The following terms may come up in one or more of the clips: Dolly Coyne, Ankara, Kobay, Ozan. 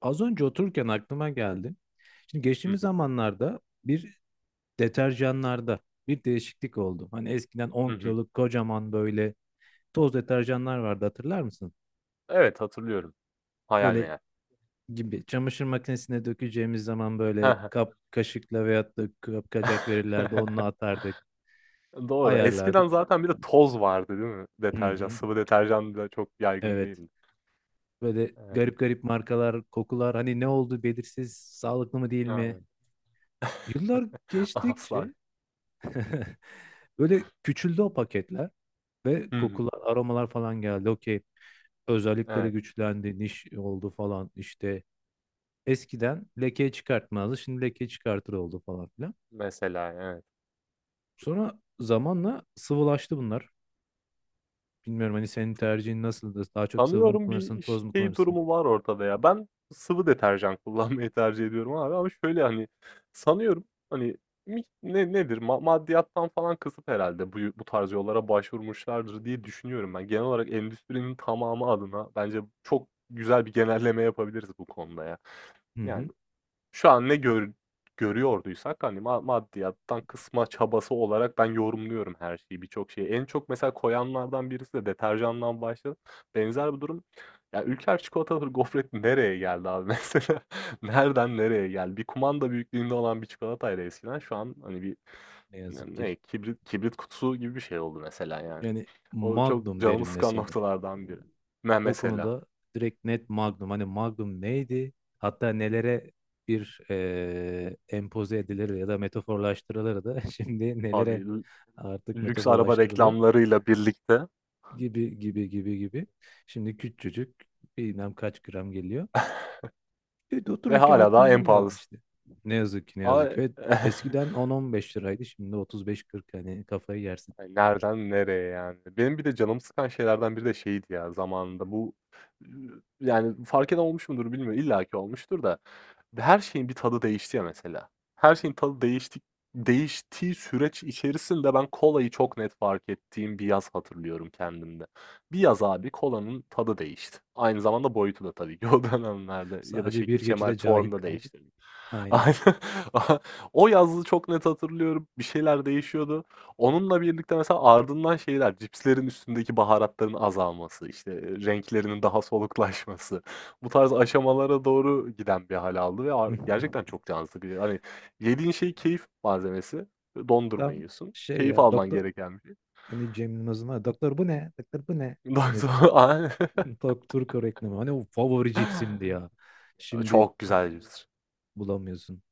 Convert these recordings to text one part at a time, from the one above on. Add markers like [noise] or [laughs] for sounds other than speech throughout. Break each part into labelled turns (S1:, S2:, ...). S1: Az önce otururken aklıma geldi. Şimdi
S2: Hı
S1: geçtiğimiz
S2: hı.
S1: zamanlarda bir deterjanlarda bir değişiklik oldu. Hani eskiden
S2: Hı
S1: 10
S2: hı.
S1: kiloluk kocaman böyle toz deterjanlar vardı, hatırlar mısın?
S2: Evet, hatırlıyorum. Hayal
S1: Böyle
S2: meyal.
S1: gibi çamaşır makinesine dökeceğimiz zaman
S2: He
S1: böyle
S2: he.
S1: kap kaşıkla veyahut da kapkacak verirlerdi. Onunla
S2: [laughs]
S1: atardık,
S2: Doğru. Eskiden
S1: ayarlardık.
S2: zaten bir de toz vardı, değil mi?
S1: Hı
S2: Deterjan,
S1: hı.
S2: sıvı deterjan da çok yaygın
S1: Evet.
S2: değildi.
S1: Böyle
S2: Evet.
S1: garip garip markalar, kokular, hani ne oldu belirsiz, sağlıklı mı değil mi?
S2: Aynen.
S1: Yıllar
S2: [laughs] Asla.
S1: geçtikçe [laughs] böyle küçüldü o paketler ve
S2: Hı hı.
S1: kokular, aromalar falan geldi. Okey. Özellikleri
S2: Evet.
S1: güçlendi, niş oldu falan işte. Eskiden lekeyi çıkartmazdı. Şimdi lekeyi çıkartır oldu falan filan.
S2: Mesela, evet.
S1: Sonra zamanla sıvılaştı bunlar. Bilmiyorum, hani senin tercihin nasıldır? Daha çok sıvı mı
S2: Sanıyorum
S1: kullanırsın,
S2: bir
S1: toz mu
S2: şey
S1: kullanırsın?
S2: durumu var ortada ya. Ben sıvı deterjan [laughs] kullanmayı tercih ediyorum abi ama şöyle, hani, sanıyorum, hani, mi nedir, maddiyattan falan kısıp herhalde bu tarz yollara başvurmuşlardır diye düşünüyorum ben. Genel olarak endüstrinin tamamı adına bence çok güzel bir genelleme yapabiliriz bu konuda ya.
S1: Hı
S2: Yani
S1: hı.
S2: şu an ne görüyorduysak, hani, maddiyattan kısma çabası olarak ben yorumluyorum her şeyi, birçok şeyi. En çok mesela koyanlardan birisi de deterjandan başladı. Benzer bir durum ya, Ülker çikolatalı gofret nereye geldi abi [laughs] mesela? Nereden nereye geldi? Bir kumanda büyüklüğünde olan bir çikolataydı eskiden şu an, hani, bir
S1: Ne
S2: ne
S1: yazık ki.
S2: ne kibrit kutusu gibi bir şey oldu mesela, yani.
S1: Yani
S2: O çok
S1: Magnum
S2: canımı
S1: derim
S2: sıkan
S1: mesela.
S2: noktalardan biri. Me
S1: O
S2: mesela.
S1: konuda direkt net Magnum. Hani Magnum neydi? Hatta nelere bir empoze edilir ya da metaforlaştırılır da [laughs] şimdi nelere
S2: Abi
S1: artık
S2: lüks araba
S1: metaforlaştırılıyor
S2: reklamlarıyla birlikte
S1: gibi gibi gibi gibi. Şimdi küçücük bilmem kaç gram geliyor.
S2: [laughs]
S1: Evet,
S2: ve
S1: otururken
S2: hala daha
S1: aklıma
S2: en
S1: bu geldi
S2: pahalısı.
S1: işte. Ne yazık ki, ne yazık
S2: Ama
S1: ki. Evet,
S2: [laughs]
S1: eskiden 10-15 liraydı, şimdi 35-40, hani kafayı yersin.
S2: ay, nereden nereye yani? Benim bir de canımı sıkan şeylerden biri de şeydi ya zamanında bu yani fark eden olmuş mudur bilmiyorum. İlla ki olmuştur da her şeyin bir tadı değişti ya mesela. Her şeyin tadı değişti değiştiği süreç içerisinde ben kolayı çok net fark ettiğim bir yaz hatırlıyorum kendimde. Bir yaz abi kolanın tadı değişti. Aynı zamanda boyutu da tabii ki o [laughs] dönemlerde ya da
S1: Sadece bir
S2: şekil, şemal,
S1: geçide cahil
S2: formda
S1: kaldı.
S2: değişti. [laughs]
S1: Aynen.
S2: Aynen. [laughs] O yazı çok net hatırlıyorum. Bir şeyler değişiyordu. Onunla birlikte mesela ardından şeyler, cipslerin üstündeki baharatların azalması, işte, renklerinin daha soluklaşması, bu tarz aşamalara doğru giden bir hal aldı ve ar
S1: [laughs]
S2: gerçekten çok can sıkıcı. Hani, yediğin şey keyif malzemesi, dondurma
S1: Tam
S2: yiyorsun,
S1: şey
S2: keyif
S1: ya,
S2: alman
S1: doktor,
S2: gereken bir şey.
S1: hani Cem Yılmaz'ın var ya, doktor bu ne? Doktor bu ne?
S2: [laughs] Ondan.
S1: Hani
S2: Aynen.
S1: Turko reklamı. Hani o favori cipsimdi ya. Şimdi
S2: Çok güzel cips.
S1: bulamıyorsun.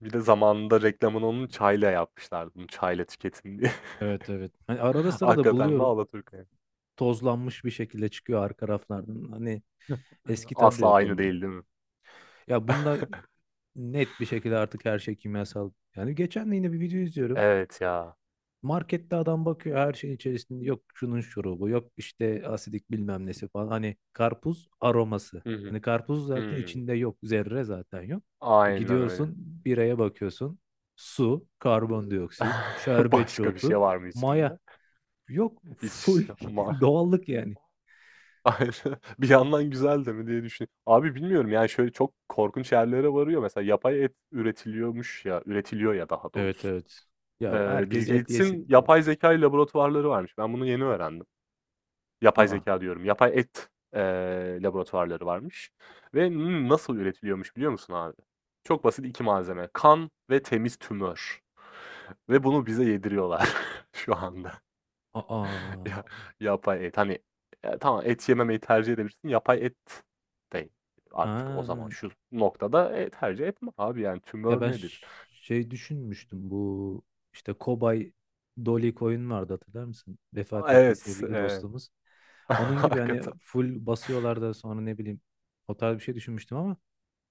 S2: Bir de zamanında reklamını onun çayla yapmışlardı, bunu çayla tüketin diye.
S1: Evet, evet. Hani arada
S2: [laughs]
S1: sırada
S2: Hakikaten de
S1: buluyorum.
S2: alaturka.
S1: Tozlanmış bir şekilde çıkıyor arka raflardan. Hani
S2: [laughs]
S1: eski tadı da
S2: Asla
S1: yok
S2: aynı
S1: onun.
S2: değil, değil mi?
S1: Ya bunda
S2: [laughs]
S1: net bir şekilde artık her şey kimyasal. Yani geçen de yine bir video izliyorum.
S2: Evet ya.
S1: Markette adam bakıyor, her şeyin içerisinde yok şunun şurubu, yok işte asidik bilmem nesi falan. Hani karpuz aroması.
S2: Hı hı.
S1: Hani karpuz zaten
S2: Hımm.
S1: içinde yok zerre, zaten yok. E
S2: Aynen öyle.
S1: gidiyorsun biraya bakıyorsun, su, karbondioksit,
S2: [laughs]
S1: şerbetçi
S2: Başka bir
S1: otu,
S2: şey var mı içinde?
S1: maya, yok full
S2: Hiç
S1: [laughs]
S2: ma
S1: doğallık yani.
S2: [laughs] aynen. Bir yandan güzel de mi diye düşün abi bilmiyorum yani şöyle çok korkunç yerlere varıyor. Mesela yapay et üretiliyormuş ya, üretiliyor ya daha
S1: Evet,
S2: doğrusu.
S1: evet. Ya
S2: Bill
S1: herkes et yesin.
S2: Gates'in yapay zeka laboratuvarları varmış. Ben bunu yeni öğrendim. Yapay
S1: Aa,
S2: zeka diyorum, yapay et, laboratuvarları varmış ve nasıl üretiliyormuş biliyor musun abi? Çok basit 2 malzeme: kan ve temiz tümör [laughs] ve bunu bize yediriyorlar [laughs] şu anda.
S1: aa,
S2: Ya, yapay et, hani, tamam et yememeyi tercih edebilirsin. Yapay et de artık o
S1: aa.
S2: zaman şu noktada, tercih etme abi yani
S1: Ya
S2: tümör
S1: ben
S2: nedir?
S1: şey düşünmüştüm, bu işte Kobay Dolly Coyne vardı, hatırlar mısın? Vefat
S2: A,
S1: etti
S2: evet,
S1: sevgili dostumuz.
S2: [laughs]
S1: Onun gibi hani
S2: hakikaten.
S1: full basıyorlar da sonra ne bileyim o tarz bir şey düşünmüştüm ama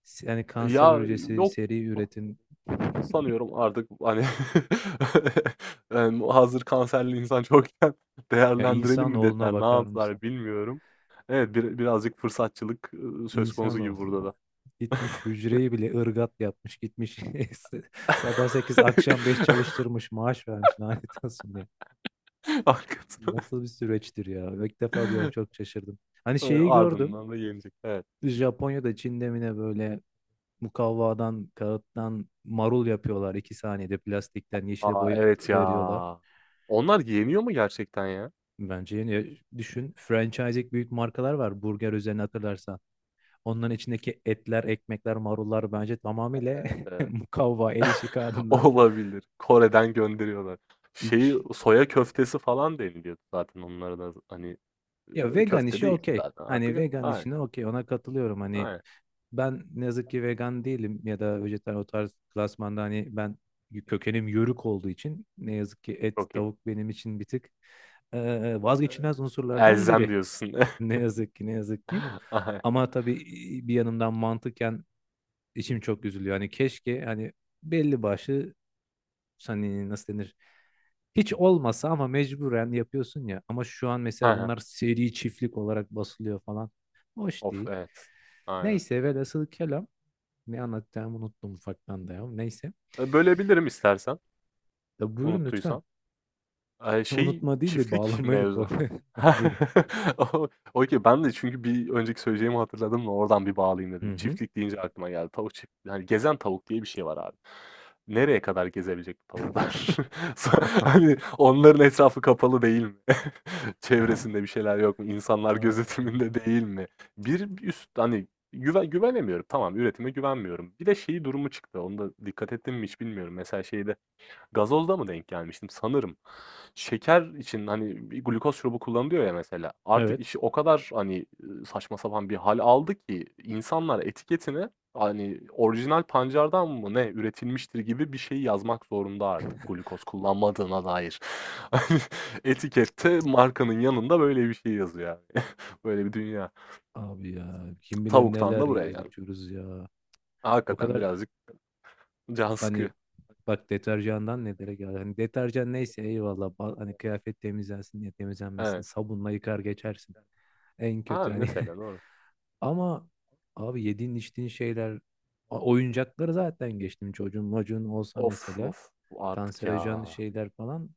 S1: yani kanser
S2: Ya,
S1: hücresi
S2: yok
S1: seri üretim.
S2: sanıyorum artık, hani, [laughs] hazır kanserli insan çokken [laughs]
S1: Ya
S2: değerlendirelim mi
S1: insanoğluna
S2: dediler, ne
S1: bakar mısın?
S2: yaptılar bilmiyorum. Evet, birazcık fırsatçılık, söz konusu gibi burada
S1: İnsanoğlu.
S2: da.
S1: [laughs] Gitmiş
S2: [laughs]
S1: hücreyi bile ırgat yapmış, gitmiş [laughs] sabah 8 akşam 5
S2: [laughs]
S1: çalıştırmış, maaş vermiş, lanet olsun ya.
S2: Hakikaten.
S1: Nasıl bir süreçtir ya. İlk defa diyorum,
S2: [laughs]
S1: çok şaşırdım. Hani şeyi gördüm.
S2: Ardından da yenecek. Evet.
S1: Japonya'da, Çin'de mi ne, böyle mukavvadan, kağıttan marul yapıyorlar. 2 saniyede plastikten yeşile
S2: A,
S1: boyayıp
S2: evet
S1: veriyorlar.
S2: ya. Onlar yeniyor mu gerçekten ya?
S1: Bence yeni düşün. Franchising büyük markalar var burger üzerine, hatırlarsan. Onların içindeki etler, ekmekler, marullar bence tamamıyla [laughs]
S2: Eee,
S1: mukavva, el işi
S2: [laughs]
S1: kağıdından
S2: Olabilir. Kore'den gönderiyorlar.
S1: iç.
S2: Şeyi, soya köftesi falan deniliyor zaten onlara da. Hani,
S1: Ya vegan
S2: köfte
S1: işi
S2: değil
S1: okey.
S2: zaten
S1: Hani
S2: artık.
S1: vegan
S2: Aynen,
S1: işine okey, ona katılıyorum. Hani
S2: aynen.
S1: ben ne yazık ki vegan değilim ya da vejetaryen, o tarz klasmanda hani, ben kökenim yörük olduğu için ne yazık ki et,
S2: Çok iyi.
S1: tavuk benim için bir tık
S2: Eee,
S1: vazgeçilmez unsurlardan
S2: Elzem
S1: biri.
S2: diyorsun. [laughs]
S1: Ne yazık ki, ne yazık ki.
S2: Aynen.
S1: Ama tabii bir yanımdan mantıken içim çok üzülüyor. Hani keşke, hani belli başlı, hani nasıl denir, hiç olmasa, ama mecburen yapıyorsun ya. Ama şu an mesela
S2: Hı.
S1: bunlar seri çiftlik olarak basılıyor falan. Hoş
S2: Of,
S1: değil.
S2: evet. Aynen.
S1: Neyse, velhasıl kelam. Ne anlatacağımı unuttum ufaktan da ya. Neyse.
S2: Bölebilirim istersen,
S1: Ya buyurun lütfen.
S2: unuttuysan. Ay,
S1: [laughs]
S2: şey,
S1: Unutma değil de
S2: çiftlik
S1: bağlamayı
S2: mevzu.
S1: korkuyor. [laughs] Buyurun.
S2: [laughs] O okay, ben de çünkü bir önceki söyleyeceğimi hatırladım da oradan bir bağlayayım
S1: Hı
S2: dedim.
S1: hı.
S2: Çiftlik deyince aklıma geldi. Tavuk çift hani gezen tavuk diye bir şey var abi. Nereye kadar gezebilecek bu tavuklar? [laughs] Sonra hani onların etrafı kapalı değil mi? [laughs] Çevresinde bir
S1: [laughs]
S2: şeyler yok mu? İnsanlar
S1: Aa.
S2: gözetiminde değil mi? Bir üst hani güvenemiyorum. Tamam, üretime güvenmiyorum. Bir de şeyi durumu çıktı. Onu da dikkat ettim mi hiç bilmiyorum. Mesela şeyde gazozda mı denk gelmiştim sanırım. Şeker için, hani, bir glukoz şurubu kullanılıyor ya mesela, artık
S1: Evet.
S2: işi o kadar, hani, saçma sapan bir hal aldı ki insanlar etiketine, hani, orijinal pancardan mı ne üretilmiştir gibi bir şey yazmak zorunda artık glukoz kullanmadığına dair. [laughs] Hani, etikette markanın yanında böyle bir şey yazıyor yani. [laughs] Böyle bir dünya.
S1: Abi ya, kim bilir
S2: Tavuktan
S1: neler
S2: da buraya
S1: yiyoruz,
S2: geldik.
S1: içiyoruz ya. O
S2: Hakikaten
S1: kadar,
S2: birazcık can
S1: hani
S2: sıkıyor. [laughs]
S1: bak deterjandan nelere geldi. Hani deterjan neyse, eyvallah. Hani kıyafet temizlensin diye, temizlenmesin.
S2: Evet.
S1: Sabunla yıkar geçersin. En
S2: Ha,
S1: kötü hani.
S2: mesela
S1: [laughs]
S2: doğru.
S1: Ama abi yediğin içtiğin şeyler, oyuncakları zaten geçtim, çocuğun olsa
S2: Of,
S1: mesela.
S2: of artık ya.
S1: Kanserojen şeyler falan.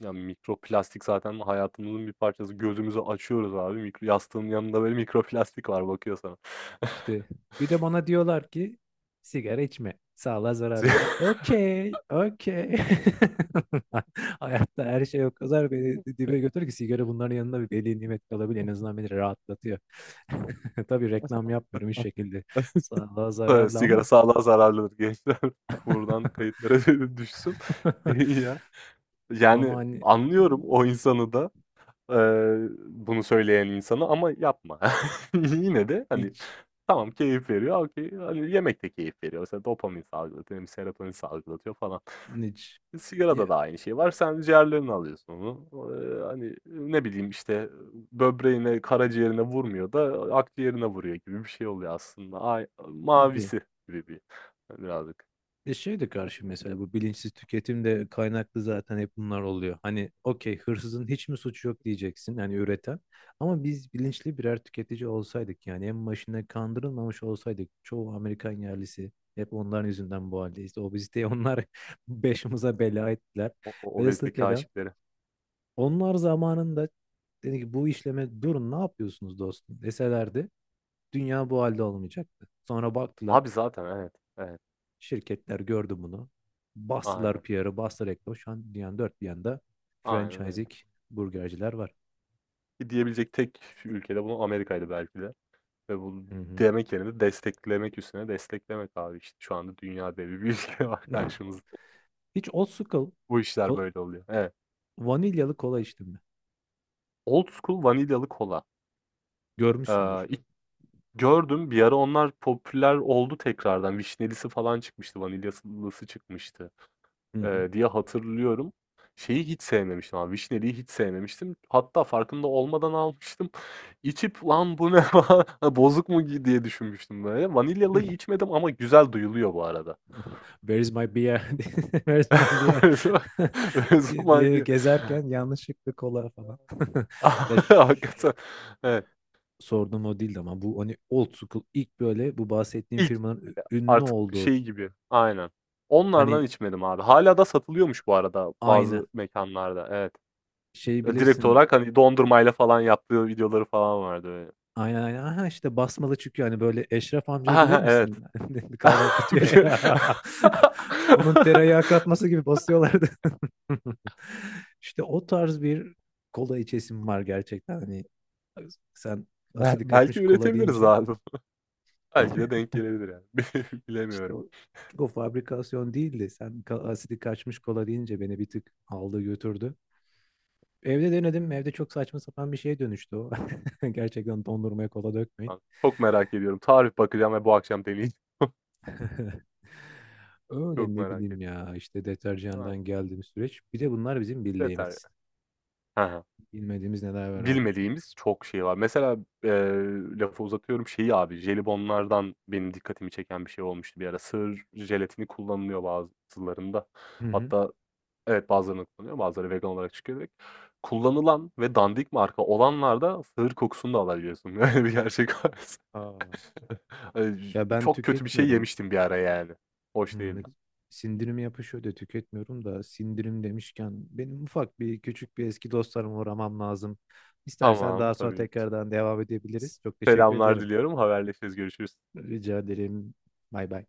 S2: Ya, mikroplastik zaten hayatımızın bir parçası. Gözümüzü açıyoruz abi, mikro yastığın yanında böyle mikroplastik var bakıyor sana.
S1: İşte
S2: [laughs]
S1: bir de bana diyorlar ki sigara içme, sağlığa
S2: Si
S1: zararlı. Ha,
S2: [laughs]
S1: okey, okey. [laughs] Hayatta her şey o kadar beni dibe götür ki, sigara bunların yanında bir veli nimet kalabilir. En azından beni rahatlatıyor. [laughs] Tabii reklam yapmıyorum hiç şekilde. Sağlığa
S2: Evet,
S1: zararlı
S2: sigara
S1: ama.
S2: sağlığa zararlıdır gençler. [laughs] Buradan kayıtlara [laughs] düşsün. [laughs]
S1: [laughs]
S2: Ya,
S1: Ama
S2: yani
S1: hani
S2: anlıyorum o insanı da, bunu söyleyen insanı ama yapma. [laughs] Yine de, hani,
S1: hiç
S2: tamam keyif veriyor, okey. Hani, yemek de keyif veriyor. Mesela dopamin salgılatıyor, hem serotonin salgılatıyor falan.
S1: hiç
S2: Sigarada
S1: ya,
S2: da aynı şey var. Sen ciğerlerini alıyorsun onu. Hani, ne bileyim, işte, böbreğine, karaciğerine vurmuyor da akciğerine vuruyor gibi bir şey oluyor aslında. Ay
S1: gibi.
S2: mavisi gibi bir birazcık.
S1: E şey de karşı, mesela bu bilinçsiz tüketim de kaynaklı zaten hep bunlar oluyor. Hani okey, hırsızın hiç mi suçu yok diyeceksin yani, üreten. Ama biz bilinçli birer tüketici olsaydık, yani en başına kandırılmamış olsaydık, çoğu Amerikan yerlisi, hep onların yüzünden bu haldeyiz. Obeziteyi onlar [laughs] başımıza bela ettiler.
S2: O
S1: Velhasıl
S2: obezite
S1: kelam,
S2: kâşifleri.
S1: onlar zamanında dedi ki bu işleme durun, ne yapıyorsunuz dostum deselerdi, dünya bu halde olmayacaktı. Sonra baktılar.
S2: Abi zaten evet, evet.
S1: Şirketler gördü bunu. Bastılar
S2: Aynen,
S1: PR'ı, bastılar reklamı. Şu an dünyanın dört bir yanında
S2: aynen öyle.
S1: franchising burgerciler var.
S2: Ki diyebilecek tek ülkede bunu Amerika'ydı belki de ve bu
S1: Hı hı.
S2: demek yerine desteklemek üstüne desteklemek abi, işte, şu anda dünya devi bir [laughs] ülke var
S1: [laughs]
S2: karşımızda.
S1: Hiç old school
S2: Bu işler
S1: ko-
S2: böyle oluyor. Evet.
S1: vanilyalı kola içtin mi?
S2: Old school vanilyalı kola. Aaa,
S1: Görmüşsündür.
S2: ilk gördüm, bir ara onlar popüler oldu tekrardan. Vişnelisi falan çıkmıştı, vanilyasılısı çıkmıştı,
S1: Hı hı.
S2: diye hatırlıyorum. Şeyi hiç sevmemiştim abi, vişneliyi hiç sevmemiştim. Hatta farkında olmadan almıştım. [laughs] İçip "Lan bu ne falan, [laughs] ha, bozuk mu ki?" diye düşünmüştüm böyle. Vanilyalıyı içmedim ama güzel duyuluyor bu arada.
S1: Where is my beer? [laughs] Where is my beer?
S2: [laughs]
S1: [laughs]
S2: Öyle
S1: diye
S2: zaman
S1: diye
S2: bir.
S1: gezerken
S2: [laughs]
S1: yanlışlıkla kola falan. [laughs] Ya şş,
S2: Hakikaten. Evet.
S1: sorduğum o değildi ama, bu hani old school, ilk böyle bu bahsettiğim
S2: İlk
S1: firmanın
S2: böyle
S1: ünlü
S2: artık
S1: olduğu,
S2: şey gibi, aynen. Onlardan
S1: hani
S2: içmedim abi. Hâlâ da satılıyormuş bu arada bazı
S1: aynı
S2: mekânlarda, evet.
S1: şey
S2: Direkt
S1: bilirsin.
S2: olarak, hani, dondurmayla falan yaptığı videoları falan vardı böyle.
S1: Aynen, aynen. Aha işte basmalı, çünkü hani böyle Eşref amcayı
S2: Ha he,
S1: bilir
S2: evet.
S1: misin? [laughs]
S2: [laughs]
S1: Kahvaltıcı.
S2: Bir
S1: [laughs] Onun tereyağı katması gibi basıyorlardı. [laughs] İşte o tarz bir kola içesim var gerçekten. Hani sen
S2: Bel
S1: asidi kaçmış
S2: belki
S1: kola
S2: üretebiliriz
S1: deyince
S2: abi. [laughs] Belki de
S1: [laughs]
S2: denk gelebilir yani. [laughs] Bi
S1: işte
S2: Bilemiyorum
S1: o fabrikasyon değildi. Sen asidi kaçmış kola deyince beni bir tık aldı götürdü. Evde denedim. Evde çok saçma sapan bir şeye dönüştü o. [laughs] Gerçekten dondurmaya kola dökmeyin.
S2: Çok merak ediyorum. Tarif bakacağım ve bu akşam deneyeceğim.
S1: [laughs] Öyle
S2: Çok
S1: ne
S2: merak
S1: bileyim
S2: ettim.
S1: ya, işte
S2: Aynen.
S1: deterjandan geldiğimiz süreç. Bir de bunlar bizim
S2: Yeter
S1: bildiğimiz.
S2: ya. He he.
S1: Bilmediğimiz neler var artık.
S2: Bilmediğimiz çok şey var. Mesela, eee, lafı uzatıyorum, şeyi abi, jelibonlardan benim dikkatimi çeken bir şey olmuştu bir ara. Sığır jelatini kullanılıyor bazılarında.
S1: Hı hı.
S2: Hatta evet, bazılarında kullanıyor, bazıları vegan olarak çıkıyor direkt. Kullanılan ve dandik marka olanlarda sığır kokusunu da alabiliyorsun. [laughs] Öyle bir gerçek var.
S1: Aa.
S2: [laughs] J
S1: Ya ben
S2: Çok kötü bir şey
S1: tüketmiyorum.
S2: yemiştim bir ara yani. Hoş
S1: Hmm,
S2: değildi.
S1: sindirim yapışıyor da tüketmiyorum da, sindirim demişken benim ufak bir, küçük bir eski dostlarıma uğramam lazım. İstersen
S2: Tamam,
S1: daha sonra
S2: tabii ki.
S1: tekrardan devam edebiliriz. Çok teşekkür
S2: Selamlar
S1: ederim.
S2: diliyorum. Haberleşiriz, görüşürüz.
S1: Rica ederim. Bay bay.